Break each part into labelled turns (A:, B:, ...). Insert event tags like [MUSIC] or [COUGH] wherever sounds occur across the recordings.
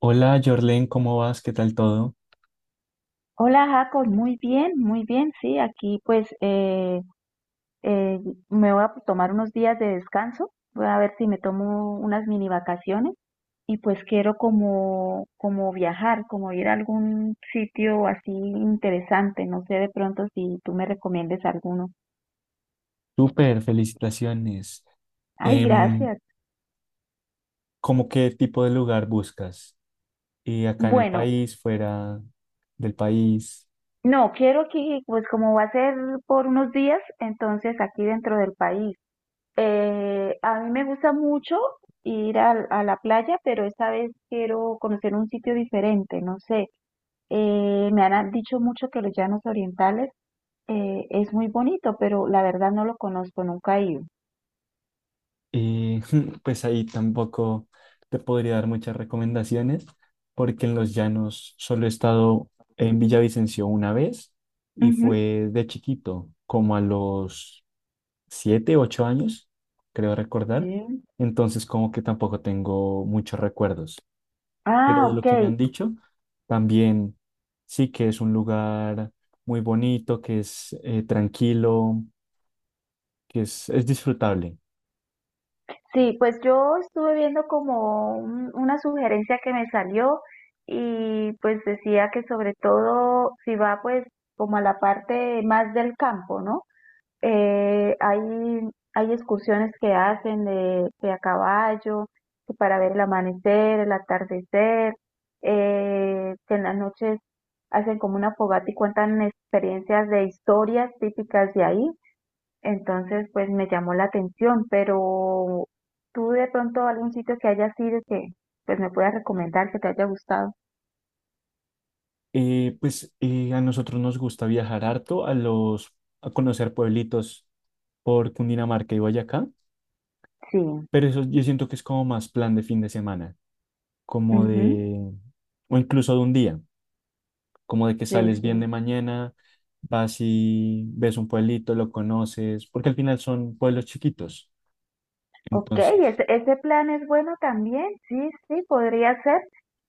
A: Hola, Jorlen, ¿cómo vas? ¿Qué tal todo?
B: Hola Jacob, muy bien, sí, aquí pues eh, me voy a tomar unos días de descanso, voy a ver si me tomo unas mini vacaciones y pues quiero como, como viajar, como ir a algún sitio así interesante, no sé de pronto si tú me recomiendes alguno.
A: Súper, felicitaciones.
B: Ay,
A: Em,
B: gracias.
A: ¿Cómo qué tipo de lugar buscas? Y acá en el
B: Bueno,
A: país, fuera del país,
B: no, quiero que pues como va a ser por unos días, entonces aquí dentro del país. A mí me gusta mucho la playa, pero esta vez quiero conocer un sitio diferente, no sé. Me han dicho mucho que los llanos orientales es muy bonito, pero la verdad no lo conozco, nunca he ido.
A: y [LAUGHS] pues ahí tampoco te podría dar muchas recomendaciones, porque en los llanos solo he estado en Villavicencio una vez y
B: Ujú.
A: fue de chiquito, como a los 7, 8 años, creo recordar.
B: ¿Sí?
A: Entonces, como que tampoco tengo muchos recuerdos. Pero
B: Ah,
A: de lo
B: ok.
A: que me han dicho, también sí que es un lugar muy bonito, que es tranquilo, que es disfrutable.
B: Sí, pues yo estuve viendo como una sugerencia que me salió y pues decía que sobre todo si va pues como a la parte más del campo, ¿no? Eh, hay, hay excursiones que hacen de a caballo, que para ver el amanecer, el atardecer, que en las noches hacen como una fogata y cuentan experiencias de historias típicas de ahí. Entonces, pues me llamó la atención, pero tú de pronto algún sitio que hayas ido que pues me puedas recomendar que te haya gustado.
A: A nosotros nos gusta viajar harto a a conocer pueblitos por Cundinamarca y Boyacá,
B: Sí,
A: pero eso yo siento que es como más plan de fin de semana, como
B: ujú,
A: de, o incluso de un día, como de que
B: sí,
A: sales bien
B: sí.
A: de mañana, vas y ves un pueblito, lo conoces, porque al final son pueblos chiquitos.
B: Ok,
A: Entonces,
B: ese plan es bueno también, sí, sí, podría ser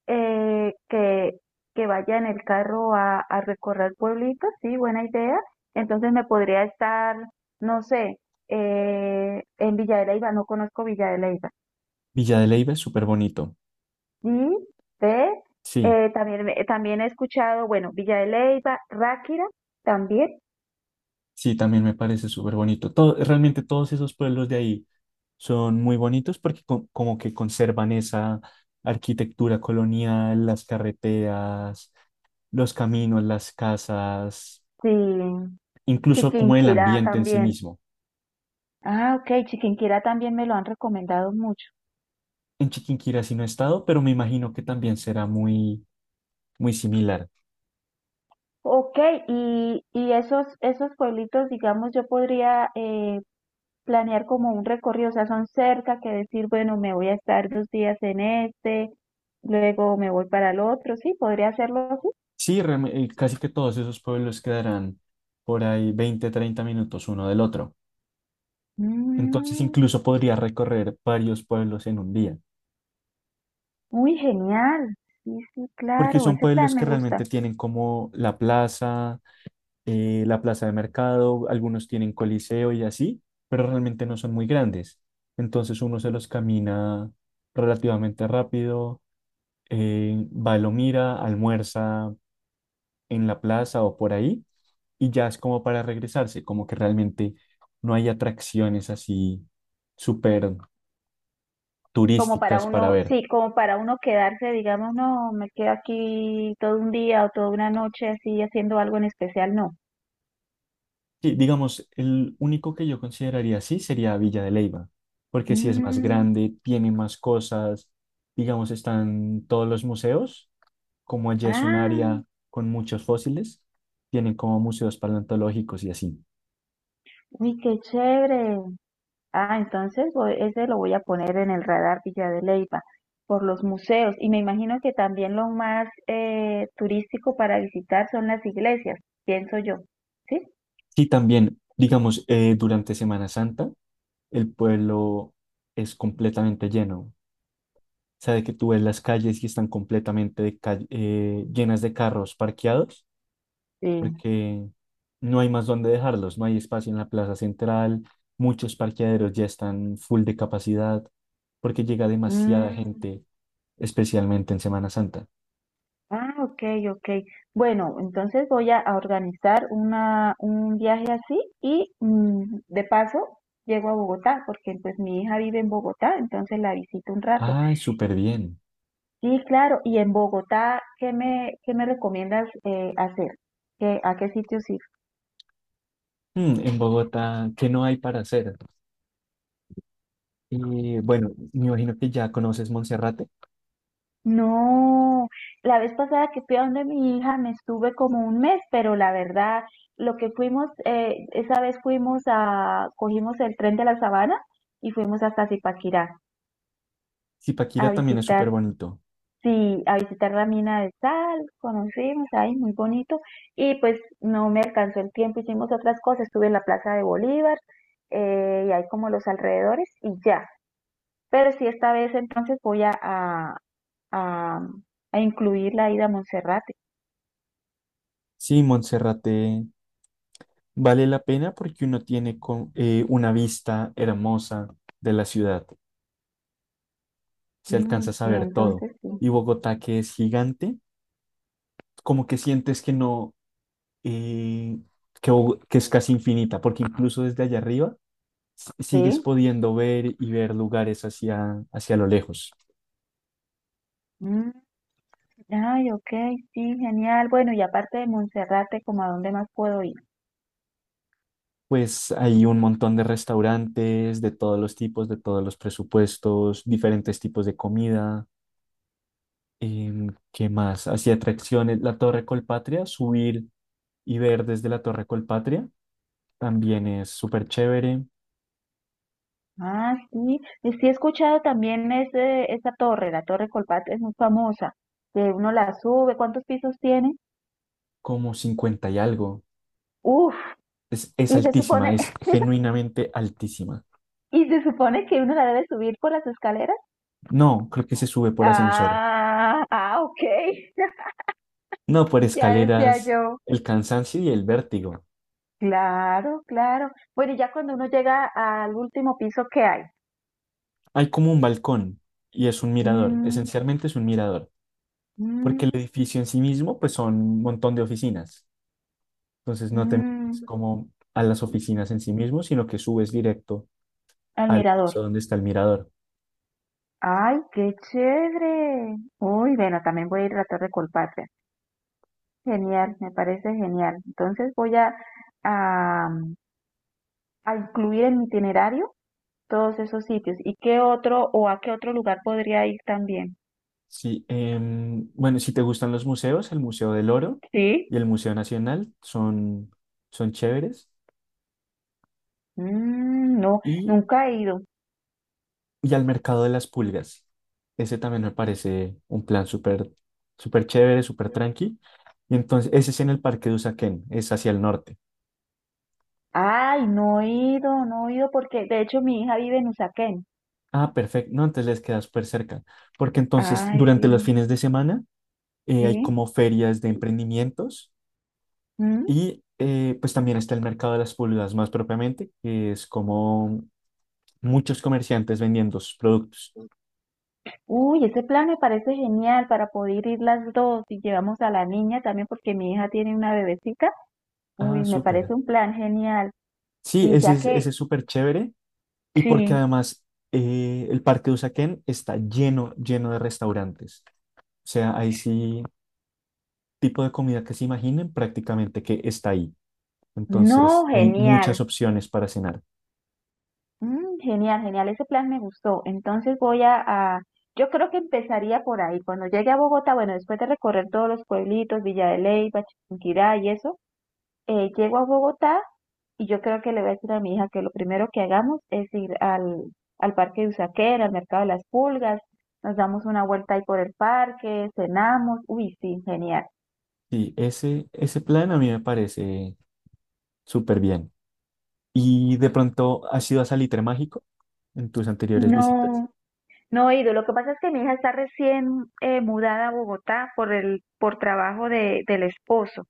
B: eh, que, que vaya en el carro a recorrer pueblitos, sí, buena idea. Entonces me podría estar, no sé, en Villa de Leyva, no conozco Villa de Leyva.
A: Villa de Leyva es súper bonito.
B: Sí, ve,
A: Sí,
B: también, también he escuchado, bueno, Villa de Leyva, Ráquira también,
A: sí, también me parece súper bonito. Todo, realmente todos esos pueblos de ahí son muy bonitos porque como que conservan esa arquitectura colonial, las carreteras, los caminos, las casas,
B: sí,
A: incluso como el
B: Chiquinquirá
A: ambiente en sí
B: también.
A: mismo.
B: Ah, ok, Chiquinquirá también me lo han recomendado mucho.
A: En Chiquinquirá sí no he estado, pero me imagino que también será muy, muy similar.
B: Ok, y esos, esos pueblitos, digamos, yo podría planear como un recorrido, o sea, son cerca que decir, bueno, me voy a estar 2 días en este, luego me voy para el otro, sí, podría hacerlo así.
A: Sí, casi que todos esos pueblos quedarán por ahí 20 30 minutos uno del otro. Entonces
B: Mm,
A: incluso podría recorrer varios pueblos en un día,
B: muy genial, sí, sí,
A: porque
B: claro,
A: son
B: ese plan
A: pueblos que
B: me
A: realmente
B: gusta.
A: tienen como la plaza de mercado, algunos tienen coliseo y así, pero realmente no son muy grandes. Entonces uno se los camina relativamente rápido, va, lo mira, almuerza en la plaza o por ahí, y ya es como para regresarse, como que realmente no hay atracciones así súper
B: Como para
A: turísticas para
B: uno,
A: ver.
B: sí, como para uno quedarse, digamos, no, me quedo aquí todo un día o toda una noche así haciendo algo en especial, no.
A: Sí, digamos, el único que yo consideraría así sería Villa de Leyva, porque sí es más
B: Mm,
A: grande, tiene más cosas, digamos, están todos los museos, como allá es un
B: ah,
A: área con muchos fósiles, tienen como museos paleontológicos y así.
B: uy, qué chévere. Ah, entonces ese lo voy a poner en el radar Villa de Leyva por los museos y me imagino que también lo más turístico para visitar son las iglesias, pienso yo, ¿sí?
A: Sí, también, digamos, durante Semana Santa, el pueblo es completamente lleno. O sea, de que tú ves las calles y están completamente llenas de carros parqueados
B: Sí.
A: porque no hay más dónde dejarlos, no hay espacio en la plaza central, muchos parqueaderos ya están full de capacidad, porque llega demasiada
B: Mm,
A: gente, especialmente en Semana Santa.
B: ah, ok, ok. Bueno, entonces voy a organizar un viaje así y mm, de paso llego a Bogotá porque pues mi hija vive en Bogotá, entonces la visito un rato.
A: Ay, súper bien.
B: Sí, claro. Y en Bogotá, ¿qué me recomiendas hacer? ¿Qué, a qué sitios ir?
A: Mm, en Bogotá, ¿qué no hay para hacer? Y bueno, me imagino que ya conoces Monserrate.
B: No, la vez pasada que fui a donde mi hija me estuve como 1 mes, pero la verdad, lo que fuimos, esa vez fuimos a, cogimos el tren de la Sabana y fuimos hasta Zipaquirá a
A: Zipaquirá también es súper
B: visitar.
A: bonito.
B: Sí, a visitar la mina de sal, conocimos ahí, muy bonito, y pues no me alcanzó el tiempo, hicimos otras cosas, estuve en la Plaza de Bolívar, y ahí como los alrededores, y ya. Pero sí, esta vez entonces voy a, a incluir la ida a Monserrate.
A: Sí, Monserrate vale la pena porque uno tiene una vista hermosa de la ciudad. Se
B: Mm,
A: alcanza a
B: y
A: saber todo.
B: entonces sí.
A: Y Bogotá, que es gigante, como que sientes que no, eh, que es casi infinita, porque incluso desde allá arriba sigues
B: Sí.
A: pudiendo ver y ver lugares hacia, hacia lo lejos.
B: Mm, ay, ok, sí, genial. Bueno, y aparte de Monserrate, ¿como a dónde más puedo ir?
A: Pues hay un montón de restaurantes de todos los tipos, de todos los presupuestos, diferentes tipos de comida. ¿Qué más? Hacia atracciones, la Torre Colpatria, subir y ver desde la Torre Colpatria también es súper chévere,
B: Ah, sí, y sí he escuchado también ese, esa torre, la Torre Colpatria es muy famosa, que uno la sube, ¿cuántos pisos tiene?
A: como 50 y algo.
B: Uf,
A: Es
B: y se
A: altísima,
B: supone,
A: es
B: [LAUGHS]
A: genuinamente altísima.
B: y se supone que uno la debe subir por las escaleras.
A: No, creo que se sube por ascensor.
B: Ah, ah, ok, [LAUGHS]
A: No, por
B: ya decía
A: escaleras,
B: yo.
A: el cansancio y el vértigo.
B: Claro, claro. Bueno, y ya cuando uno llega al último piso, ¿qué hay?
A: Hay como un balcón y es un mirador,
B: Mm,
A: esencialmente es un mirador, porque el
B: mm,
A: edificio en sí mismo pues son un montón de oficinas. Entonces no te metes
B: mm,
A: como a las oficinas en sí mismo, sino que subes directo
B: al
A: al
B: mirador.
A: piso donde está el mirador.
B: Ay, qué chévere. Uy, bueno, también voy a ir a la Torre Colpatria. Genial, me parece genial. Entonces a, a incluir en mi itinerario todos esos sitios. ¿Y qué otro o a qué otro lugar podría ir también?
A: Sí, bueno, si te gustan los museos, el Museo del Oro y
B: Sí.
A: el Museo Nacional son chéveres.
B: Mm, no,
A: Y
B: nunca he ido.
A: Y al mercado de las pulgas. Ese también me parece un plan súper súper chévere, súper tranqui. Y entonces, ese es en el Parque de Usaquén, es hacia el norte.
B: Ay, no he ido, no he ido porque de hecho mi hija vive en Usaquén.
A: Ah, perfecto. No, entonces les queda súper cerca. Porque entonces,
B: Ay, sí,
A: durante los fines de semana, hay
B: sí.
A: como ferias de emprendimientos
B: Mm.
A: y pues también está el mercado de las pulgas más propiamente, que es como muchos comerciantes vendiendo sus productos.
B: Uy, ese plan me parece genial para poder ir las dos y llevamos a la niña también porque mi hija tiene una bebecita. Uy,
A: Ah,
B: me parece
A: súper.
B: un plan genial.
A: Sí,
B: Y ya
A: ese
B: que,
A: es súper chévere. Y porque
B: sí.
A: además el Parque de Usaquén está lleno, lleno de restaurantes. O sea, hay sí tipo de comida que se imaginen prácticamente que está ahí. Entonces,
B: No,
A: hay
B: genial.
A: muchas opciones para cenar.
B: Mm, genial, genial. Ese plan me gustó. Entonces yo creo que empezaría por ahí. Cuando llegue a Bogotá, bueno, después de recorrer todos los pueblitos, Villa de Leyva, Chiquinquirá y eso, llego a Bogotá y yo creo que le voy a decir a mi hija que lo primero que hagamos es ir al Parque de Usaquén, al Mercado de las Pulgas, nos damos una vuelta ahí por el parque, cenamos. Uy, sí, genial.
A: Sí, ese plan a mí me parece súper bien. ¿Y de pronto has ido a Salitre Mágico en tus anteriores visitas?
B: No. No he ido. Lo que pasa es que mi hija está recién mudada a Bogotá por trabajo del esposo.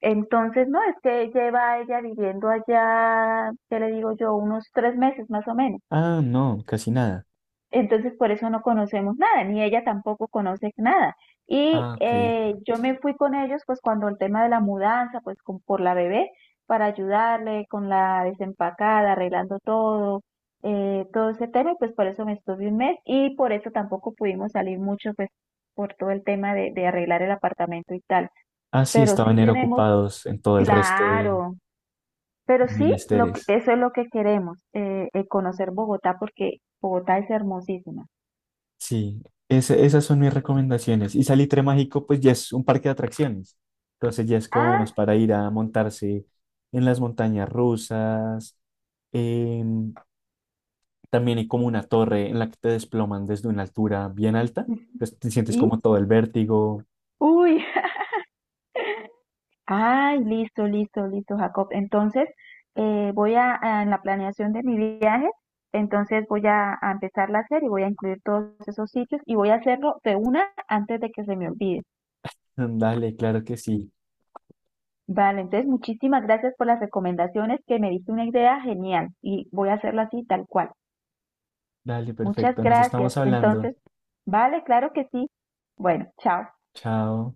B: Entonces, no, es que lleva ella viviendo allá, ¿qué le digo yo? Unos 3 meses más o menos.
A: Ah, no, casi nada.
B: Entonces, por eso no conocemos nada, ni ella tampoco conoce nada. Y
A: Ah, ok.
B: yo me fui con ellos, pues cuando el tema de la mudanza, pues por la bebé, para ayudarle con la desempacada, arreglando todo, todo ese tema, y pues por eso me estuve 1 mes y por eso tampoco pudimos salir mucho, pues por todo el tema de arreglar el apartamento y tal.
A: Ah, sí,
B: Pero sí
A: estaban eran
B: tenemos,
A: ocupados en todo el resto
B: claro,
A: de
B: pero sí, lo que,
A: menesteres.
B: eso es lo que queremos, conocer Bogotá, porque Bogotá es hermosísima.
A: Sí, esas son mis recomendaciones. Y Salitre Mágico, pues ya es un parque de atracciones. Entonces ya es como
B: Ah,
A: más para ir a montarse en las montañas rusas. em, También hay como una torre en la que te desploman desde una altura bien alta. Entonces te sientes como
B: ¿sí?
A: todo el vértigo.
B: Uy, [LAUGHS] ay, listo, listo, listo, Jacob. Entonces, en la planeación de mi viaje, entonces a empezarla a hacer y voy a incluir todos esos sitios y voy a hacerlo de una antes de que se me olvide.
A: [LAUGHS] Dale, claro que sí.
B: Vale, entonces muchísimas gracias por las recomendaciones que me diste una idea genial y voy a hacerlo así tal cual.
A: Dale,
B: Muchas
A: perfecto. Nos
B: gracias.
A: estamos hablando.
B: Entonces, vale, claro que sí. Bueno, chao.
A: Chao.